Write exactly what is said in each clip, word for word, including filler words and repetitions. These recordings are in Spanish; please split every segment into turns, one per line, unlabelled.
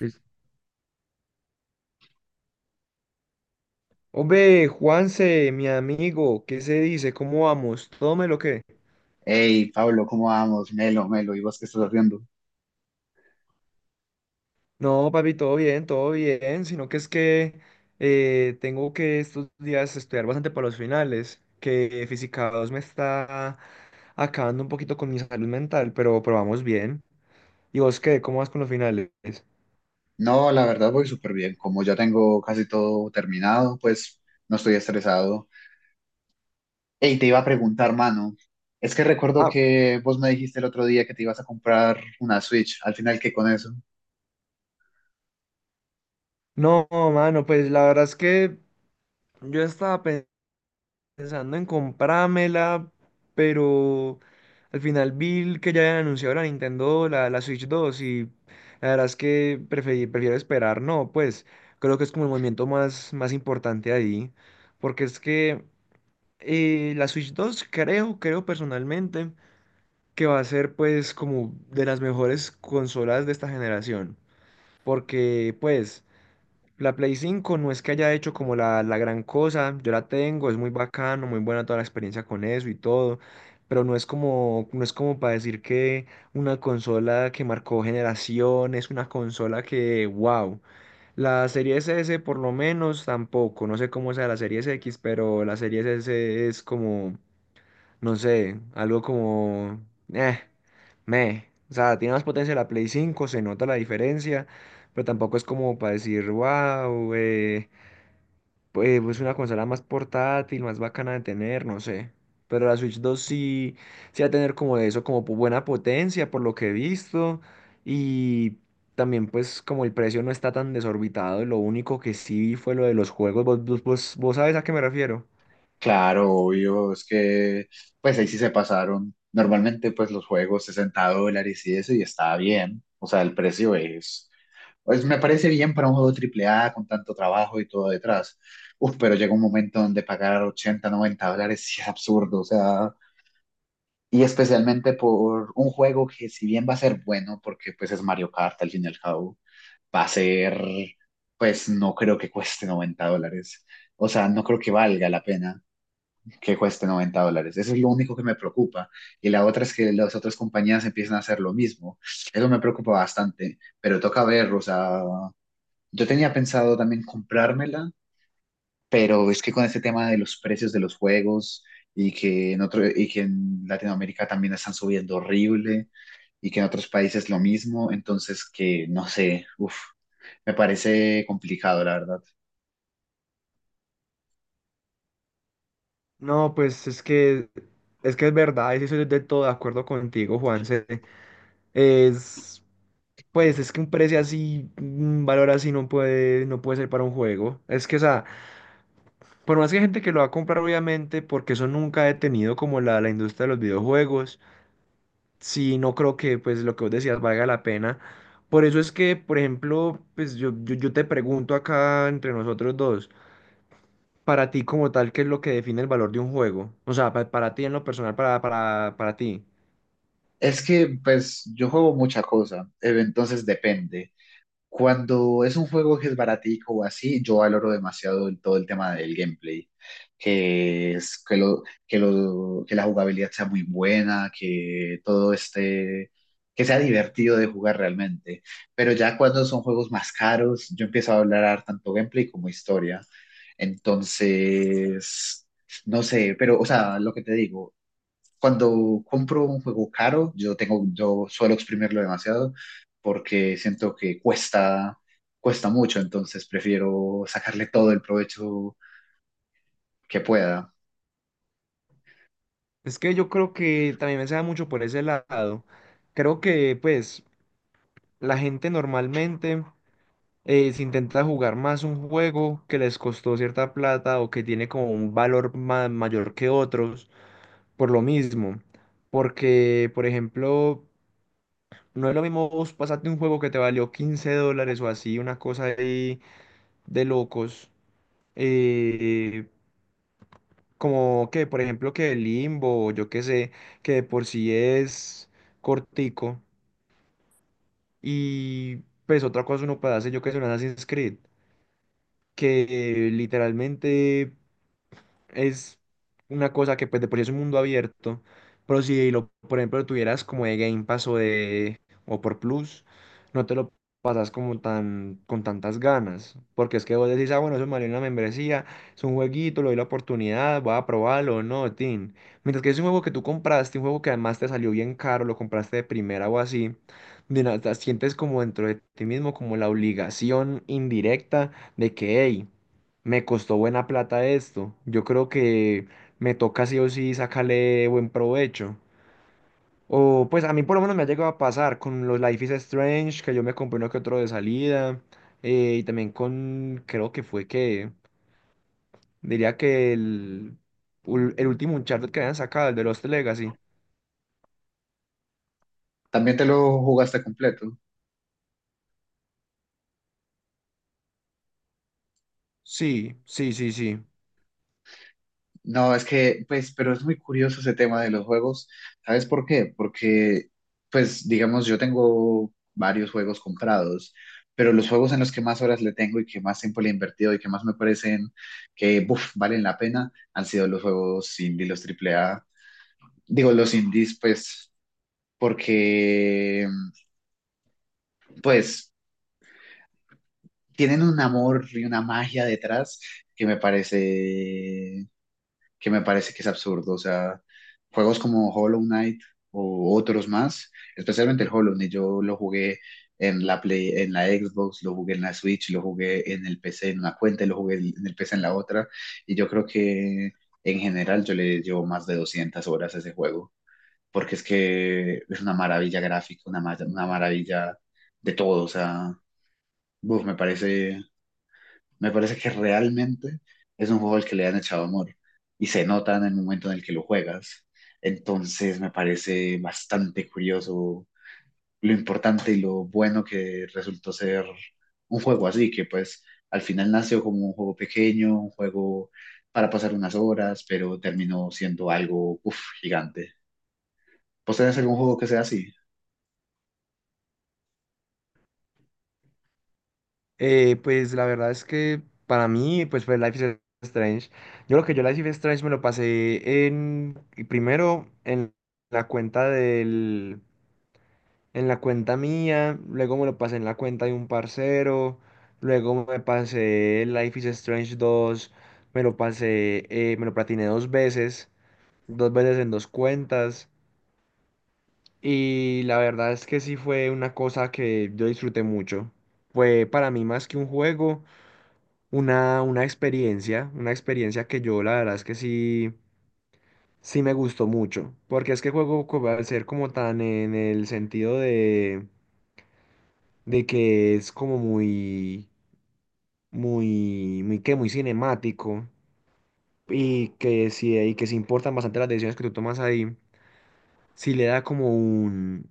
Listo. Hombre, Juanse, mi amigo, ¿qué se dice? ¿Cómo vamos? ¿Todo me lo que?
Hey, Pablo, ¿cómo vamos? Melo, Melo, ¿y vos qué estás haciendo?
No, papi, todo bien, todo bien, sino que es que eh, tengo que estos días estudiar bastante para los finales, que Física dos me está acabando un poquito con mi salud mental, pero, pero vamos bien. ¿Y vos qué? ¿Cómo vas con los finales?
No, la verdad voy súper bien. Como ya tengo casi todo terminado, pues no estoy estresado. Hey, te iba a preguntar, mano. Es que recuerdo
Ah,
que vos me dijiste el otro día que te ibas a comprar una Switch. Al final, ¿qué con eso?
no, mano, pues la verdad es que yo estaba pensando en comprármela, pero al final vi que ya habían anunciado la Nintendo, la, la Switch dos, y la verdad es que preferí- prefiero esperar. No, pues creo que es como el movimiento más, más importante ahí, porque es que eh, la Switch dos creo, creo personalmente que va a ser pues como de las mejores consolas de esta generación, porque pues... La Play cinco no es que haya hecho como la, la gran cosa, yo la tengo, es muy bacano, muy buena toda la experiencia con eso y todo, pero no es como, no es como para decir que una consola que marcó generaciones, una consola que, wow. La Series S por lo menos tampoco, no sé cómo sea la Series X, pero la Series S es como no sé, algo como... Eh, me. O sea, tiene más potencia la Play cinco, se nota la diferencia, pero tampoco es como para decir, wow, eh, eh, pues es una consola más portátil, más bacana de tener, no sé. Pero la Switch dos sí, sí va a tener como de eso, como pu- buena potencia, por lo que he visto. Y también pues como el precio no está tan desorbitado, lo único que sí vi fue lo de los juegos. ¿Vos, vos, vos vos sabes a qué me refiero?
Claro, obvio, es que pues ahí sí se pasaron. Normalmente pues los juegos sesenta dólares y eso y está bien. O sea, el precio es, pues me parece bien para un juego triple A con tanto trabajo y todo detrás. Uf, pero llega un momento donde pagar ochenta, noventa dólares sí es absurdo, o sea, y especialmente por un juego que si bien va a ser bueno, porque pues es Mario Kart al fin y al cabo, va a ser, pues no creo que cueste noventa dólares. O sea, no creo que valga la pena que cueste noventa dólares. Eso es lo único que me preocupa. Y la otra es que las otras compañías empiezan a hacer lo mismo. Eso me preocupa bastante, pero toca ver, o sea, yo tenía pensado también comprármela, pero es que con este tema de los precios de los juegos y que en otro, y que en Latinoamérica también están subiendo horrible y que en otros países lo mismo, entonces que no sé, uff, me parece complicado, la verdad.
No, pues es que es que es verdad, eso estoy de todo de acuerdo contigo, Juanse. Es pues es que un precio así, un valor así no puede no puede ser para un juego. Es que o sea, por más que hay gente que lo va a comprar obviamente, porque eso nunca ha detenido como la, la industria de los videojuegos, sí no creo que pues lo que vos decías valga la pena. Por eso es que, por ejemplo, pues yo, yo, yo te pregunto acá entre nosotros dos. Para ti como tal, ¿qué es lo que define el valor de un juego? O sea, pa- para ti en lo personal, para, para, para ti.
Es que pues yo juego mucha cosa, eh, entonces depende. Cuando es un juego que es baratico o así, yo valoro demasiado el- todo el tema del gameplay, que es que lo, que lo, que la jugabilidad sea muy buena, que todo esté, que sea divertido de jugar realmente. Pero ya cuando son juegos más caros, yo empiezo a hablar tanto gameplay como historia. Entonces, no sé, pero, o sea, lo que te digo cuando compro un juego caro, yo tengo, yo suelo exprimirlo demasiado porque siento que cuesta, cuesta mucho, entonces prefiero sacarle todo el provecho que pueda.
Es que yo creo que también me se da mucho por ese lado. Creo que pues la gente normalmente eh, se intenta jugar más un juego que les costó cierta plata o que tiene como un valor ma- mayor que otros por lo mismo. Porque, por ejemplo, no es lo mismo vos pasarte un juego que te valió quince dólares o así, una cosa ahí de locos. eh, Como que, por ejemplo, que el Limbo, o yo qué sé, que de por sí es cortico. Y pues otra cosa uno puede hacer, yo que sé, un Assassin's Creed, que eh, literalmente es una cosa que pues de por sí es un mundo abierto, pero si lo, por ejemplo, lo tuvieras como de Game Pass o de o por Plus, no te lo pasas como tan con tantas ganas, porque es que vos decís, ah, bueno, eso me valió una membresía, es un jueguito, le doy la oportunidad, voy a probarlo, no, tin. Mientras que es un juego que tú compraste, un juego que además te salió bien caro, lo compraste de primera o así, de nada, sientes como dentro de ti mismo como la obligación indirecta de que, hey, me costó buena plata esto. Yo creo que me toca sí o sí sacarle buen provecho. O pues a mí por lo menos me ha llegado a pasar con los Life is Strange, que yo me compré uno que otro de salida. Eh, y también con, creo que fue que, diría que el, ul- el último Uncharted que habían sacado, el de Lost Legacy.
¿También te lo jugaste completo?
Sí, sí, sí, sí.
No, es que, pues, pero es muy curioso ese tema de los juegos. ¿Sabes por qué? Porque, pues, digamos, yo tengo varios juegos comprados, pero los juegos en los que más horas le tengo y que más tiempo le he invertido y que más me parecen que, buf, valen la pena, han sido los juegos indie, los triple A. Digo, los indies, pues, porque, pues, tienen un amor y una magia detrás que me parece que me parece que es absurdo. O sea, juegos como Hollow Knight o otros más, especialmente el Hollow Knight, yo lo jugué en la Play, en la Xbox, lo jugué en la Switch, lo jugué en el P C en una cuenta, y lo jugué en el P C en la otra, y yo creo que en general yo le llevo más de doscientas horas a ese juego, porque es que es una maravilla gráfica, una, ma- una maravilla de todo, o sea, uf, me parece me parece que realmente es un juego al que le han echado amor y se nota en el momento en el que lo juegas. Entonces me parece bastante curioso lo importante y lo bueno que resultó ser un juego así, que pues al final nació como un juego pequeño, un juego para pasar unas horas, pero terminó siendo algo uf, gigante. ¿Vos tenés algún juego que sea así?
Eh, pues la verdad es que para mí, pues fue Life is Strange. Yo lo que yo Life is Strange me lo pasé en primero en la cuenta del, en la cuenta mía, luego me lo pasé en la cuenta de un parcero, luego me pasé Life is Strange dos, me lo pasé, eh, me lo platiné dos veces, dos veces en dos cuentas, y la verdad es que sí fue una cosa que yo disfruté mucho. Fue para mí más que un juego. Una, una experiencia, una experiencia que yo la verdad es que sí, sí me gustó mucho, porque es que el juego co- al ser como tan en el sentido de, de que es como muy, muy, muy, que muy cinemático y que sí, y que sí importan bastante las decisiones que tú tomas ahí, sí le da como un,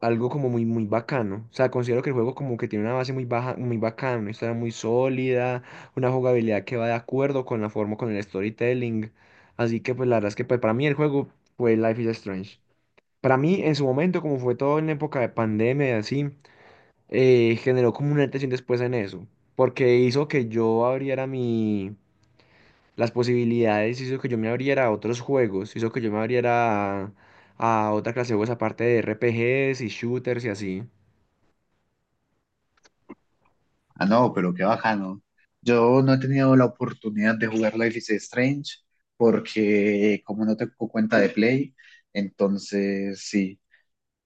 algo como muy, muy bacano. O sea, considero que el juego como que tiene una base muy baja, muy bacana, una historia muy sólida, una jugabilidad que va de acuerdo con la forma, con el storytelling. Así que pues la verdad es que pues, para mí el juego fue Life is Strange. Para mí en su momento, como fue todo en época de pandemia y así, eh, generó como una tensión después en eso, porque hizo que yo abriera mi... las posibilidades, hizo que yo me abriera a otros juegos, hizo que yo me abriera a, a otra clase de juegos aparte de R P Gs y shooters y así.
Ah, no, pero qué bacano. Yo no he tenido la oportunidad de jugar Life is Strange porque como no tengo cuenta de Play, entonces sí,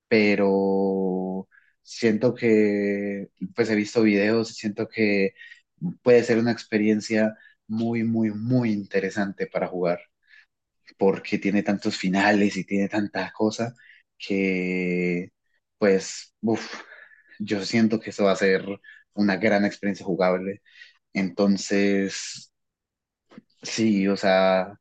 pero siento que, pues he visto videos y siento que puede ser una experiencia muy, muy, muy interesante para jugar porque tiene tantos finales y tiene tanta cosa que, pues, uf, yo siento que eso va a ser una gran experiencia jugable. Entonces, sí, o sea,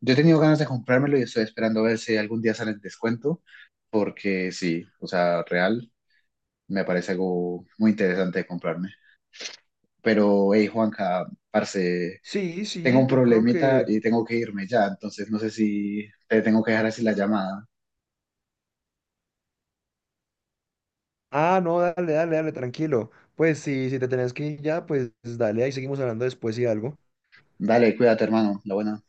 yo he tenido ganas de comprármelo y estoy esperando a ver si algún día sale el descuento, porque sí, o sea, real, me parece algo muy interesante de comprarme. Pero, hey, Juanca, parce,
Sí,
tengo
sí,
un
yo creo
problemita
que...
y tengo que irme ya, entonces no sé si te tengo que dejar así la llamada.
Ah, no, dale, dale, dale, tranquilo. Pues sí, si te tenés que ir ya, pues dale, ahí seguimos hablando después y algo.
Dale, cuídate, hermano, la buena.